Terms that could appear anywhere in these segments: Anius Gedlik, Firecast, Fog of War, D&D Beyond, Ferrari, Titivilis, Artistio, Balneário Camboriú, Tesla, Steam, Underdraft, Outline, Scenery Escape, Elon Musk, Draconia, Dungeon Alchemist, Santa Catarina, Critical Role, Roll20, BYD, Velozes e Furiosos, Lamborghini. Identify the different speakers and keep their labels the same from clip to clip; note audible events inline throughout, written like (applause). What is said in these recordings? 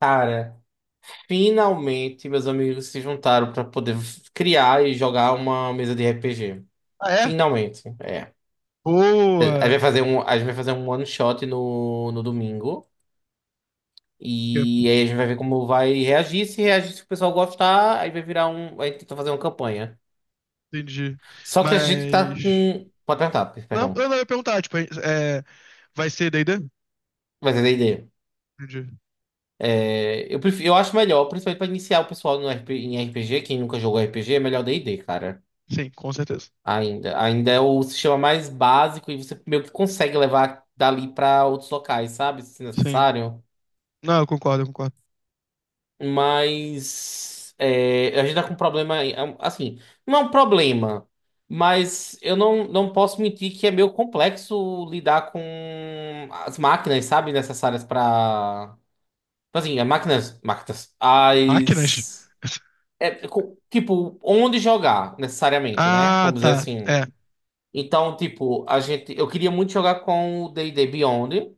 Speaker 1: Cara, finalmente meus amigos se juntaram pra poder criar e jogar uma mesa de RPG.
Speaker 2: Ah, é?
Speaker 1: Finalmente, é. A gente
Speaker 2: Boa!
Speaker 1: vai fazer um, a gente vai fazer um one shot no domingo.
Speaker 2: Que-
Speaker 1: E aí a gente vai ver como vai reagir. Se reagir, se o pessoal gostar, aí vai virar um. Aí tenta fazer uma campanha.
Speaker 2: Entendi.
Speaker 1: Só que a gente tá
Speaker 2: Mas.
Speaker 1: com. Pode perguntar,
Speaker 2: Não,
Speaker 1: perdão.
Speaker 2: eu não ia perguntar, tipo, vai ser D&D?
Speaker 1: Mas é da ideia.
Speaker 2: Entendi.
Speaker 1: É, eu acho melhor, principalmente pra iniciar o pessoal no RP, em RPG, quem nunca jogou RPG, é melhor D&D, cara.
Speaker 2: Sim, com certeza.
Speaker 1: Ainda. Ainda é o sistema mais básico e você meio que consegue levar dali para outros locais, sabe? Se
Speaker 2: Sim.
Speaker 1: necessário.
Speaker 2: Não, eu concordo, eu concordo.
Speaker 1: Mas é, a gente tá com um problema. Aí, é um- assim, não é um problema, mas eu não posso mentir que é meio complexo lidar com as máquinas, sabe? Necessárias para assim, as máquinas. Máquinas.
Speaker 2: Máquinas?
Speaker 1: As. Tipo, onde jogar, necessariamente, né?
Speaker 2: Ah,
Speaker 1: Vamos dizer
Speaker 2: tá.
Speaker 1: assim.
Speaker 2: É.
Speaker 1: Então, tipo, eu queria muito jogar com o D&D Beyond,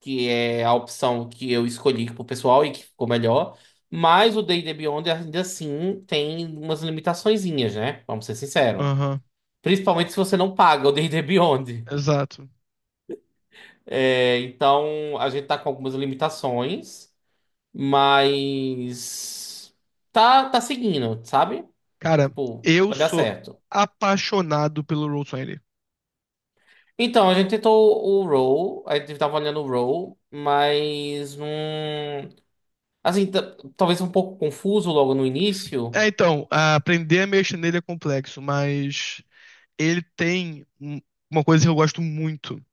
Speaker 1: que é a opção que eu escolhi pro pessoal e que ficou melhor. Mas o D&D Beyond ainda assim tem umas limitaçõezinhas, né? Vamos ser sinceros.
Speaker 2: Aham.
Speaker 1: Principalmente se você não paga o D&D Beyond.
Speaker 2: Exato.
Speaker 1: É, então, a gente tá com algumas limitações, mas tá seguindo, sabe?
Speaker 2: Cara,
Speaker 1: Tipo,
Speaker 2: eu
Speaker 1: vai dar
Speaker 2: sou
Speaker 1: certo.
Speaker 2: apaixonado pelo Roll20.
Speaker 1: Então, a gente tava olhando o Roll, mas não. Assim, talvez um pouco confuso logo no início.
Speaker 2: É, então, aprender a mexer nele é complexo, mas ele tem uma coisa que eu gosto muito,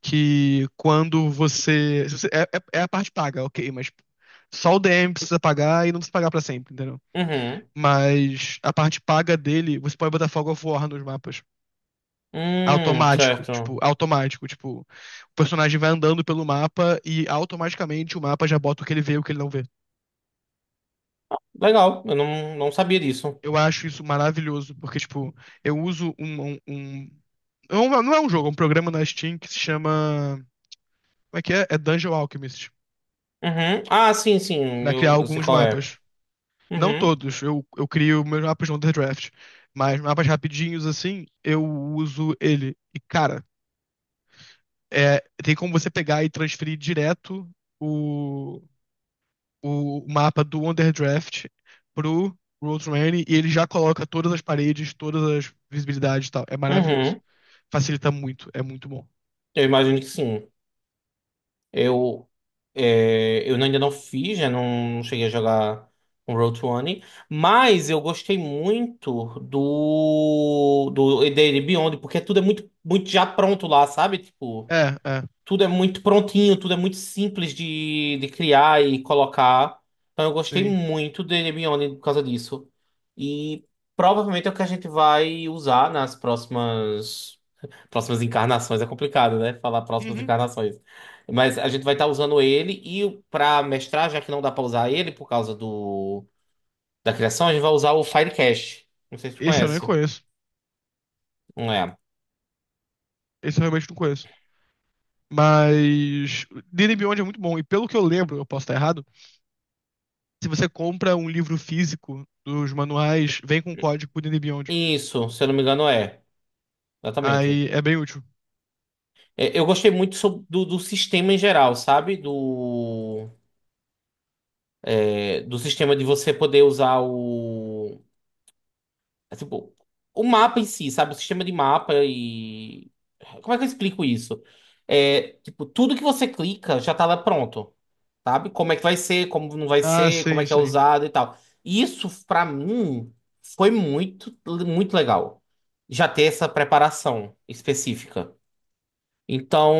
Speaker 2: que quando você. Se você- é, é- é a parte paga, ok, mas só o DM precisa pagar e não precisa pagar pra sempre, entendeu?
Speaker 1: Uhum.
Speaker 2: Mas a parte paga dele, você pode botar Fog of War nos mapas.
Speaker 1: Certo.
Speaker 2: Automático, tipo, o personagem vai andando pelo mapa e automaticamente o mapa já bota o que ele vê e o que ele não vê.
Speaker 1: Legal, eu não sabia disso.
Speaker 2: Eu acho isso maravilhoso, porque, tipo, eu uso não não é um jogo, é um programa na Steam que se chama. Como é que é? É Dungeon Alchemist.
Speaker 1: Uhum. Ah, sim, sim,
Speaker 2: Pra criar
Speaker 1: eu sei
Speaker 2: alguns
Speaker 1: qual é.
Speaker 2: mapas. Não
Speaker 1: Uhum,
Speaker 2: todos, eu crio meus mapas no Underdraft. Mas mapas rapidinhos, assim, eu uso ele. E, cara, é, tem como você pegar e transferir direto o, o mapa do Underdraft pro Road e ele já coloca todas as paredes, todas as visibilidades e tal. É maravilhoso.
Speaker 1: uhum.
Speaker 2: Facilita muito, é muito bom.
Speaker 1: Eu imagino que sim. Eu, eu ainda não fiz, já não cheguei a jogar um Road to One, mas eu gostei muito do dele Beyond, porque tudo é muito, muito já pronto lá, sabe? Tipo.
Speaker 2: É, é,
Speaker 1: Tudo é muito prontinho, tudo é muito simples de criar e colocar. Então eu gostei
Speaker 2: tem.
Speaker 1: muito dele Beyond por causa disso. E provavelmente é o que a gente vai usar nas próximas encarnações. É complicado, né? Falar próximas
Speaker 2: Uhum.
Speaker 1: encarnações. Mas a gente vai estar usando ele e para mestrar, já que não dá para usar ele por causa do da criação, a gente vai usar o Firecast. Não sei se tu
Speaker 2: Esse eu nem
Speaker 1: conhece.
Speaker 2: conheço.
Speaker 1: Não é.
Speaker 2: Esse eu realmente não conheço. Mas Disney Beyond é muito bom. E pelo que eu lembro, eu posso estar errado, se você compra um livro físico dos manuais, vem com um código pro Disney Beyond.
Speaker 1: Isso, se eu não me engano, é. Exatamente.
Speaker 2: Aí é bem útil.
Speaker 1: É, eu gostei muito do sistema em geral, sabe? Do sistema de você poder usar o. É, tipo, o mapa em si, sabe? O sistema de mapa e. Como é que eu explico isso? É, tipo, tudo que você clica já tá lá pronto, sabe? Como é que vai ser, como não vai
Speaker 2: Ah,
Speaker 1: ser, como
Speaker 2: sim,
Speaker 1: é que é
Speaker 2: sim.
Speaker 1: usado e tal. Isso, pra mim, foi muito, muito legal. Já ter essa preparação específica. Então,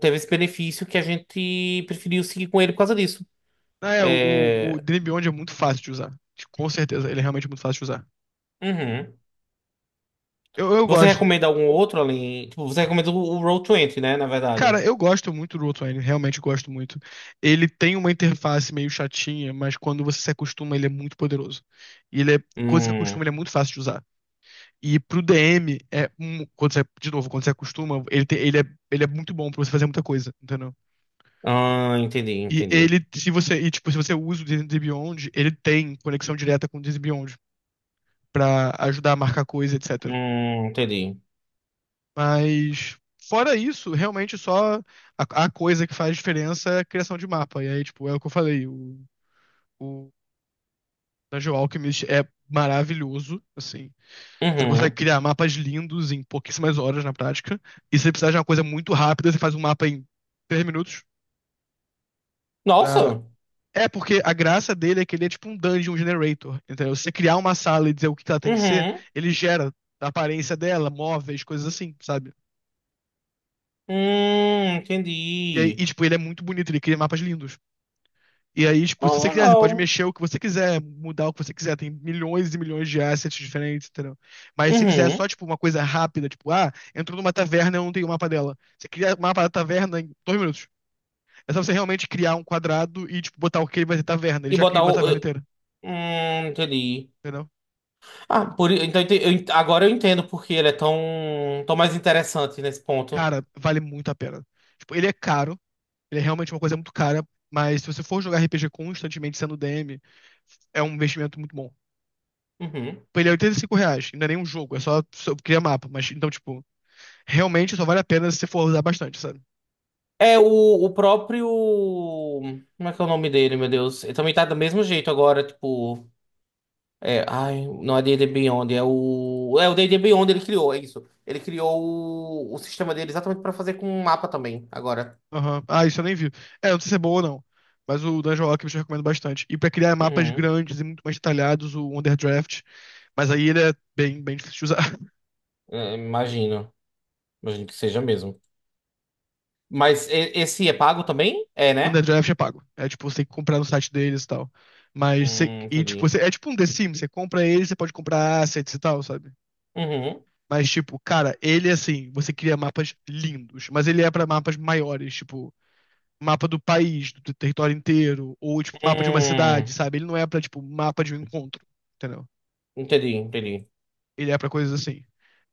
Speaker 1: teve esse benefício que a gente preferiu seguir com ele por causa disso.
Speaker 2: Ah, é, o
Speaker 1: É.
Speaker 2: Disney Beyond é muito fácil de usar. Com certeza, ele é realmente muito fácil de usar.
Speaker 1: Uhum.
Speaker 2: Eu
Speaker 1: Você
Speaker 2: gosto.
Speaker 1: recomenda algum outro além? Tipo, você recomenda o Roll 20, né? Na
Speaker 2: Cara,
Speaker 1: verdade.
Speaker 2: eu gosto muito do Outline, realmente gosto muito. Ele tem uma interface meio chatinha, mas quando você se acostuma, ele é muito poderoso. E ele é, quando você se
Speaker 1: Hum.
Speaker 2: acostuma, ele é muito fácil de usar. E pro DM, quando você, de novo, quando você acostuma, ele é muito bom pra você fazer muita coisa, entendeu?
Speaker 1: Ah, entendi,
Speaker 2: E
Speaker 1: entendi.
Speaker 2: ele, se você, e, tipo, se você usa o D&D Beyond, ele tem conexão direta com o D&D Beyond pra ajudar a marcar coisa, etc.
Speaker 1: Entendi.
Speaker 2: Mas, fora isso, realmente só a coisa que faz diferença é a criação de mapa. E aí, tipo, é o que eu falei, o Dungeon Alchemist é maravilhoso, assim. Você consegue
Speaker 1: Uhum.
Speaker 2: criar mapas lindos em pouquíssimas horas na prática. E se você precisar de uma coisa muito rápida, você faz um mapa em 3 minutos. Pra...
Speaker 1: Nossa!
Speaker 2: É, porque a graça dele é que ele é tipo um dungeon generator. Entendeu? Se você criar uma sala e dizer o que ela tem que ser,
Speaker 1: Uhum.
Speaker 2: ele gera a aparência dela, móveis, coisas assim, sabe?
Speaker 1: Entendi.
Speaker 2: Tipo, ele é muito bonito, ele cria mapas lindos. E aí, tipo,
Speaker 1: Ah,
Speaker 2: se você quiser, você pode
Speaker 1: legal.
Speaker 2: mexer o que você quiser, mudar o que você quiser. Tem milhões e milhões de assets diferentes, entendeu? Mas se você quiser
Speaker 1: Uhum.
Speaker 2: só, tipo, uma coisa rápida, tipo, ah, entrou numa taverna, e eu não tenho o mapa dela. Você cria o mapa da taverna em 2 minutos. É só você realmente criar um quadrado e, tipo, botar o que ele vai ser taverna. Ele
Speaker 1: E
Speaker 2: já cria
Speaker 1: botar
Speaker 2: uma
Speaker 1: o.
Speaker 2: taverna inteira,
Speaker 1: Entendi.
Speaker 2: entendeu?
Speaker 1: Ah, por, i- então, ente- eu, ent- Agora eu entendo porque ele é tão, tão mais interessante nesse ponto.
Speaker 2: Cara, vale muito a pena. Tipo, ele é caro, ele é realmente uma coisa muito cara, mas se você for jogar RPG constantemente sendo DM, é um investimento muito bom.
Speaker 1: Uhum.
Speaker 2: Tipo, ele é R$ 85, não é nem um jogo, é só criar mapa, mas então, tipo. Realmente só vale a pena se você for usar bastante, sabe?
Speaker 1: É, o próprio. Como é que é o nome dele, meu Deus? Ele também tá do mesmo jeito agora, tipo. É, ai, não é D&D Beyond, é o. É o D&D Beyond, ele criou, é isso. Ele criou o sistema dele exatamente pra fazer com um mapa também, agora.
Speaker 2: Aham. Ah, isso eu nem vi. É, não sei se é boa ou não. Mas o Dungeon Alchemist eu recomendo bastante. E pra criar mapas
Speaker 1: Uhum.
Speaker 2: grandes e muito mais detalhados, o Underdraft. Mas aí ele é bem, bem difícil de usar. (laughs)
Speaker 1: É, imagino. Imagino que seja mesmo. Mas esse é pago também? É,
Speaker 2: O
Speaker 1: né?
Speaker 2: Underdraft é pago. É tipo, você tem que comprar no site deles e tal. Mas você. E tipo,
Speaker 1: Entendi.
Speaker 2: você, é tipo um The Sims. Você compra ele, você pode comprar assets e tal, sabe?
Speaker 1: Uhum.
Speaker 2: Mas tipo, cara, ele assim, você cria mapas lindos. Mas ele é pra mapas maiores. Tipo, mapa do país, do território inteiro, ou tipo, mapa de uma
Speaker 1: Hum,
Speaker 2: cidade, sabe? Ele não é pra, tipo, mapa de um encontro, entendeu?
Speaker 1: entendi, entendi.
Speaker 2: Ele é pra coisas assim.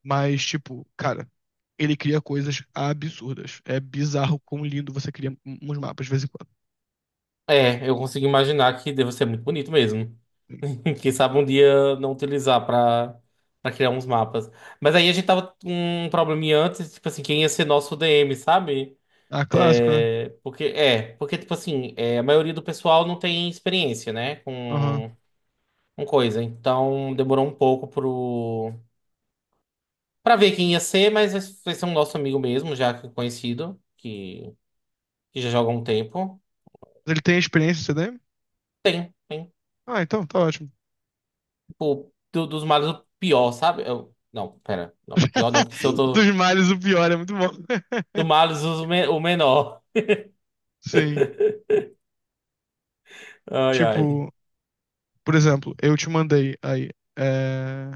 Speaker 2: Mas, tipo, cara, ele cria coisas absurdas. É bizarro quão lindo você cria uns mapas de vez em quando.
Speaker 1: É, eu consigo imaginar que deve ser muito bonito mesmo. (laughs) Quem sabe um dia não utilizar para criar uns mapas. Mas aí a gente tava com um probleminha antes, tipo assim, quem ia ser nosso DM, sabe?
Speaker 2: Ah, clássico, né?
Speaker 1: Tipo assim, é, a maioria do pessoal não tem experiência, né,
Speaker 2: Aham.
Speaker 1: com, coisa. Então demorou um pouco pra ver quem ia ser, mas vai ser um nosso amigo mesmo, já que é conhecido, que já joga há um tempo.
Speaker 2: Mas ele tem experiência em CDM?
Speaker 1: Tem, tem.
Speaker 2: Ah, então tá ótimo.
Speaker 1: Tipo, dos males, o pior, sabe? Não, pera, não, pior não, porque se eu
Speaker 2: (laughs)
Speaker 1: tô.
Speaker 2: Dos males, o pior é muito bom. (laughs)
Speaker 1: Do males o o menor.
Speaker 2: Sim.
Speaker 1: Ai, ai.
Speaker 2: Tipo, por exemplo, eu te mandei aí. é,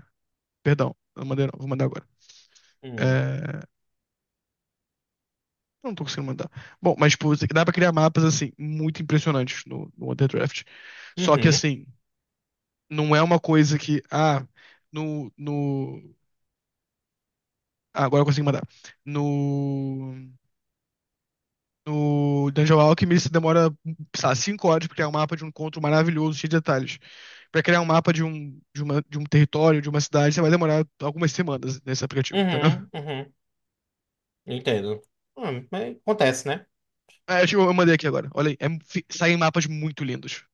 Speaker 2: Perdão, eu mandei não, vou mandar agora.
Speaker 1: Hum.
Speaker 2: É, eu não tô conseguindo mandar. Bom, mas, tipo, dá pra criar mapas, assim, muito impressionantes no Underdraft. Só que,
Speaker 1: Uhum.
Speaker 2: assim, não é uma coisa que, ah, no, no... Ah, agora eu consigo mandar. No... No Dungeon Alchemy, você demora, sei lá, 5 horas pra criar um mapa de um encontro maravilhoso, cheio de detalhes. Pra criar um mapa de um território, de uma cidade, você vai demorar algumas semanas nesse aplicativo, entendeu?
Speaker 1: Uhum. Uhum. Entendo. Mas acontece, né?
Speaker 2: É, acho que eu mandei aqui agora. Olha aí, saem mapas muito lindos.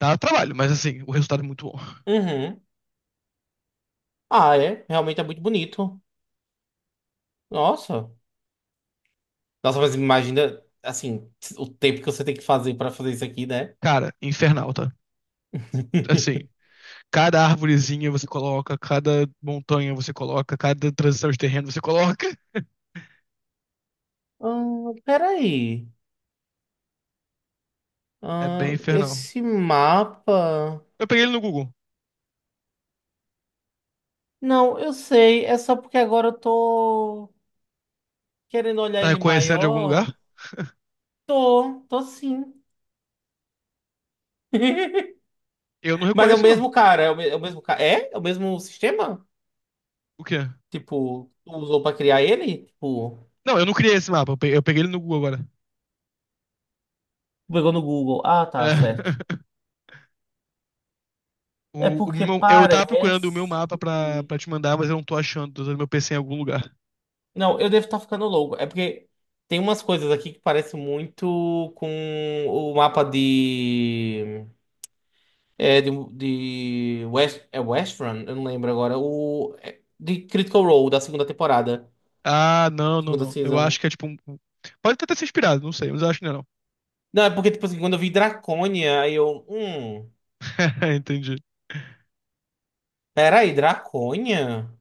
Speaker 2: Dá trabalho, mas, assim, o resultado é muito bom.
Speaker 1: Uhum. Ah, é. Realmente é muito bonito. Nossa. Nossa, mas imagina, assim, o tempo que você tem que fazer pra fazer isso aqui, né?
Speaker 2: Cara, infernal, tá? Assim,
Speaker 1: (laughs)
Speaker 2: cada árvorezinha você coloca, cada montanha você coloca, cada transição de terreno você coloca. (laughs)
Speaker 1: Peraí.
Speaker 2: É bem infernal.
Speaker 1: Esse mapa.
Speaker 2: Eu peguei ele no Google.
Speaker 1: Não, eu sei. É só porque agora eu tô querendo olhar
Speaker 2: Tá
Speaker 1: ele
Speaker 2: reconhecendo de algum lugar?
Speaker 1: maior. Tô, tô sim. (laughs)
Speaker 2: Eu não
Speaker 1: Mas é o
Speaker 2: reconheço, não.
Speaker 1: mesmo cara, é o mesmo cara. É? É o mesmo sistema?
Speaker 2: O quê?
Speaker 1: Tipo, tu usou pra criar ele? Tipo,
Speaker 2: Não, eu não criei esse mapa. Eu peguei ele no Google agora.
Speaker 1: tu pegou no Google. Ah,
Speaker 2: É.
Speaker 1: tá, certo.
Speaker 2: (laughs)
Speaker 1: É
Speaker 2: O, o
Speaker 1: porque
Speaker 2: meu- eu tava procurando o meu
Speaker 1: parece.
Speaker 2: mapa pra te mandar, mas eu não tô achando. Tô usando meu PC em algum lugar.
Speaker 1: Não, eu devo estar ficando louco. É porque tem umas coisas aqui que parecem muito com o mapa de. É, de West, é West Run? Eu não lembro agora. O, é, de Critical Role, da segunda temporada.
Speaker 2: Ah, não, não,
Speaker 1: Segunda
Speaker 2: não. Eu
Speaker 1: season.
Speaker 2: acho que é tipo Pode até ter se inspirado, não sei, mas eu acho que não. é não.
Speaker 1: Não, é porque, tipo assim, quando eu vi Draconia, aí eu. Hum.
Speaker 2: (laughs) Entendi.
Speaker 1: Peraí, Draconha?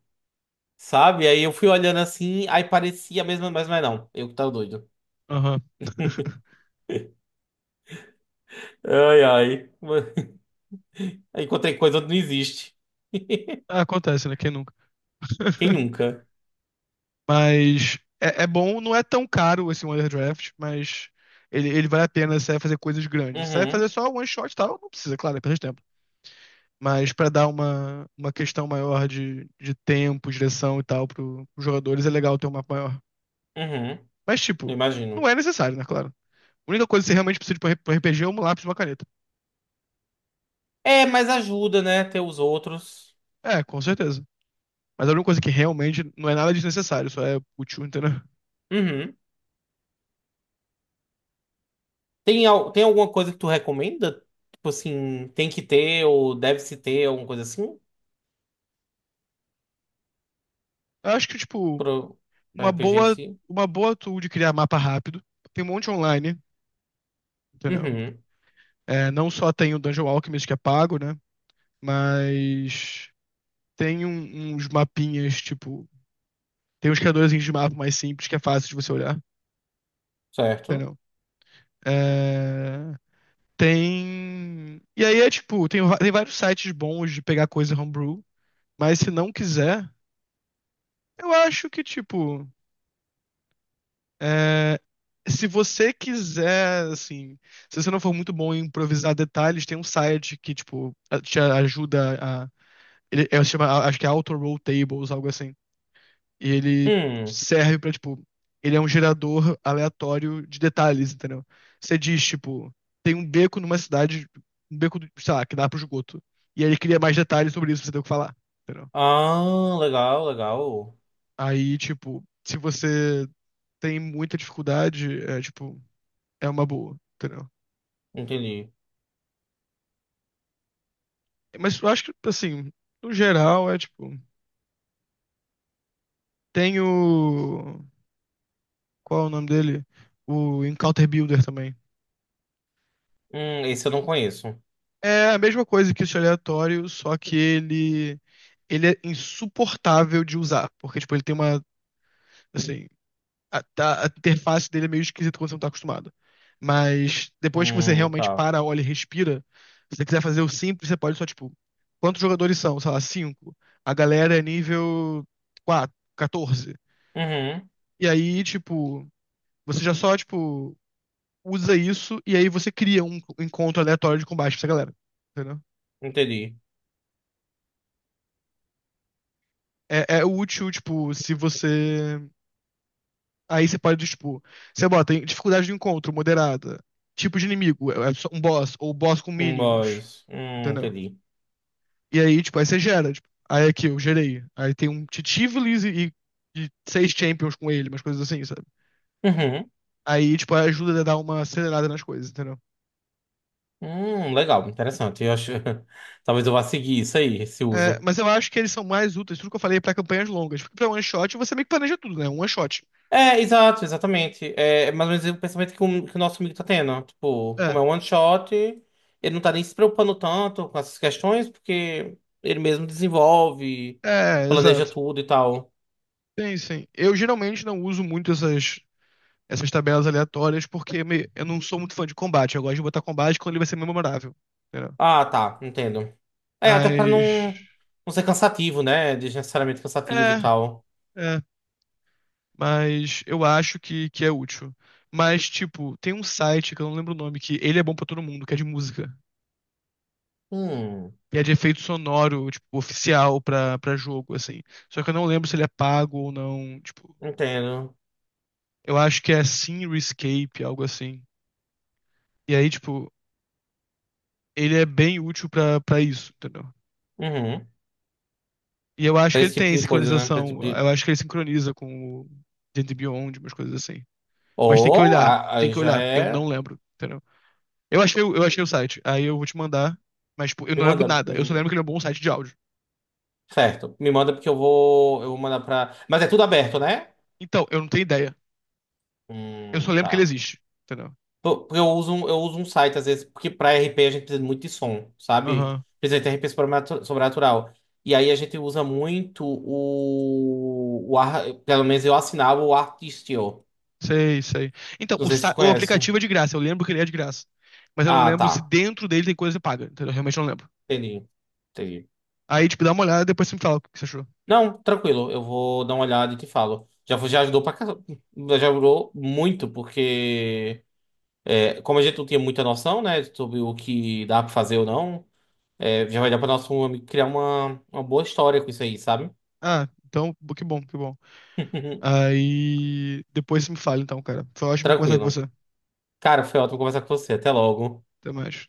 Speaker 1: Sabe? Aí eu fui olhando assim, aí parecia a mesma, mas não. Eu que tava doido.
Speaker 2: Aham. (laughs)
Speaker 1: Ai, ai. (laughs) Aí encontrei coisa onde não existe. (laughs)
Speaker 2: Ah, acontece, né? Quem nunca?
Speaker 1: Quem
Speaker 2: (laughs)
Speaker 1: nunca?
Speaker 2: Mas é, é bom, não é tão caro esse Wonder Draft, mas ele vale a pena se você vai fazer coisas grandes. Se você vai fazer
Speaker 1: Uhum,
Speaker 2: só one shot e tal, não precisa, claro, é perda de tempo. Mas pra dar uma questão maior de tempo, direção e tal pros jogadores, é legal ter um mapa maior.
Speaker 1: uhum.
Speaker 2: Mas,
Speaker 1: Eu
Speaker 2: tipo, não
Speaker 1: imagino.
Speaker 2: é necessário, né, claro. A única coisa que você realmente precisa de um RPG é um lápis e uma caneta.
Speaker 1: É, mas ajuda, né? Ter os outros.
Speaker 2: É, com certeza. Mas a única coisa que realmente não é nada desnecessário, só é útil, entendeu?
Speaker 1: Uhum. Tem alguma coisa que tu recomenda? Tipo assim, tem que ter ou deve-se ter alguma coisa assim?
Speaker 2: Eu acho que, tipo,
Speaker 1: Pro
Speaker 2: uma
Speaker 1: RPG em
Speaker 2: boa,
Speaker 1: si?
Speaker 2: uma boa tool de criar mapa rápido. Tem um monte online. Entendeu?
Speaker 1: Uhum,
Speaker 2: É, não só tem o Dungeon Alchemist que é pago, né? Mas tem uns mapinhas, tipo. Tem uns criadores de mapa mais simples que é fácil de você olhar,
Speaker 1: certo.
Speaker 2: entendeu? É, tem. E aí é tipo, tem vários sites bons de pegar coisa homebrew, mas se não quiser, eu acho que, tipo. é, Se você quiser, assim, se você não for muito bom em improvisar detalhes, tem um site que, tipo, te ajuda a Se chama, acho que é Auto Roll Tables, algo assim. E ele
Speaker 1: Hum.
Speaker 2: serve pra, tipo, ele é um gerador aleatório de detalhes, entendeu? Você diz, tipo, tem um beco numa cidade, um beco, sei lá, que dá pro esgoto. E aí ele cria mais detalhes sobre isso pra você ter o que falar, entendeu?
Speaker 1: Ah, legal, legal.
Speaker 2: Aí, tipo, se você tem muita dificuldade, é, tipo, é uma boa, entendeu?
Speaker 1: Entendi.
Speaker 2: Mas eu acho que, assim, no geral, é, tipo, tem o... Qual é o nome dele? O Encounter Builder também.
Speaker 1: Esse eu não conheço.
Speaker 2: É a mesma coisa que esse aleatório, só que ele é insuportável de usar, porque tipo ele tem uma assim a, tá- a interface dele é meio esquisita quando você não tá acostumado. Mas depois que você realmente
Speaker 1: Tá.
Speaker 2: para, olha e respira, se você quiser fazer o simples, você pode só tipo quantos jogadores são? Sei lá, cinco. A galera é nível 4, 14.
Speaker 1: Uhum,
Speaker 2: E aí tipo você já só tipo usa isso e aí você cria um encontro aleatório de combate pra essa galera. Entendeu?
Speaker 1: entendi.
Speaker 2: É útil, tipo, se você. Aí você pode, tipo, você bota em dificuldade de encontro moderada, tipo de inimigo, é só um boss, ou boss com
Speaker 1: Um
Speaker 2: minions,
Speaker 1: boys.
Speaker 2: entendeu?
Speaker 1: Entendi.
Speaker 2: E aí, tipo, aí você gera, tipo, aí aqui eu gerei. Aí tem um Titivilis e seis champions com ele, umas coisas assim, sabe?
Speaker 1: Uhum.
Speaker 2: Aí, tipo, ajuda a dar uma acelerada nas coisas, entendeu?
Speaker 1: Legal, interessante. Eu acho. (laughs) Talvez eu vá seguir isso aí, esse
Speaker 2: É,
Speaker 1: uso.
Speaker 2: mas eu acho que eles são mais úteis, tudo que eu falei, é pra campanhas longas. Porque pra one shot você meio que planeja tudo, né? Um one shot.
Speaker 1: É, exato, exatamente. É mais ou menos o pensamento que o nosso amigo tá tendo, né? Tipo,
Speaker 2: É,
Speaker 1: como é um one shot, ele não tá nem se preocupando tanto com essas questões, porque ele mesmo desenvolve,
Speaker 2: é,
Speaker 1: planeja
Speaker 2: exato.
Speaker 1: tudo e tal.
Speaker 2: Sim, sim. Eu geralmente não uso muito essas tabelas aleatórias, porque eu não sou muito fã de combate. Eu gosto de botar combate quando ele vai ser memorável. Entendeu?
Speaker 1: Ah, tá, entendo. É, até pra
Speaker 2: Mas.
Speaker 1: não ser cansativo, né? Desnecessariamente cansativo e
Speaker 2: É,
Speaker 1: tal.
Speaker 2: é. Mas eu acho que é útil. Mas, tipo, tem um site que eu não lembro o nome, que ele é bom pra todo mundo, que é de música.
Speaker 1: Hum,
Speaker 2: E é de efeito sonoro, tipo, oficial pra jogo, assim. Só que eu não lembro se ele é pago ou não. Tipo,
Speaker 1: entendo.
Speaker 2: eu acho que é Scenery Escape, algo assim. E aí, tipo, ele é bem útil pra isso, entendeu?
Speaker 1: Uhum.
Speaker 2: E eu acho
Speaker 1: Pra
Speaker 2: que ele
Speaker 1: esse tipo
Speaker 2: tem
Speaker 1: de coisa, né? Pra esse tipo
Speaker 2: sincronização.
Speaker 1: de.
Speaker 2: Eu acho que ele sincroniza com o Gente Beyond, umas coisas assim. Mas tem que
Speaker 1: Ou,
Speaker 2: olhar, tem
Speaker 1: aí
Speaker 2: que
Speaker 1: já
Speaker 2: olhar. Eu não
Speaker 1: é.
Speaker 2: lembro, entendeu? Eu achei o site, aí eu vou te mandar. Mas, tipo, eu
Speaker 1: Me
Speaker 2: não lembro
Speaker 1: manda.
Speaker 2: nada. Eu só lembro que ele é um bom site de áudio.
Speaker 1: Certo. Me manda porque eu vou. Eu vou mandar pra. Mas é tudo aberto, né?
Speaker 2: Então, eu não tenho ideia. Eu só lembro
Speaker 1: Tá.
Speaker 2: que ele existe, entendeu?
Speaker 1: Porque eu uso, eu uso um site, às vezes, porque pra RP a gente precisa muito de som, sabe?
Speaker 2: Aham,
Speaker 1: Precisa de RP sobrenatural. E aí a gente usa muito. Pelo menos eu assinava o Artistio.
Speaker 2: sei, sei. Então,
Speaker 1: Não
Speaker 2: o,
Speaker 1: sei se tu
Speaker 2: sa- o
Speaker 1: conhece.
Speaker 2: aplicativo é de graça. Eu lembro que ele é de graça. Mas eu não
Speaker 1: Ah,
Speaker 2: lembro se
Speaker 1: tá.
Speaker 2: dentro dele tem coisa que paga, entendeu? Eu realmente não lembro.
Speaker 1: Entendi. Entendi.
Speaker 2: Aí, tipo, dá uma olhada e depois você me fala o que você achou.
Speaker 1: Não, tranquilo, eu vou dar uma olhada e te falo. Já já ajudou pra casa, já ajudou muito, porque é, como a gente não tinha muita noção, né, sobre o que dá pra fazer ou não, é, já vai dar pra nosso amigo criar uma boa história com isso aí, sabe?
Speaker 2: Ah, então, que bom, que bom.
Speaker 1: (laughs)
Speaker 2: Aí depois você me fala então, cara. Foi ótimo conversar com
Speaker 1: Tranquilo.
Speaker 2: você.
Speaker 1: Cara, foi ótimo conversar com você. Até logo.
Speaker 2: Até mais.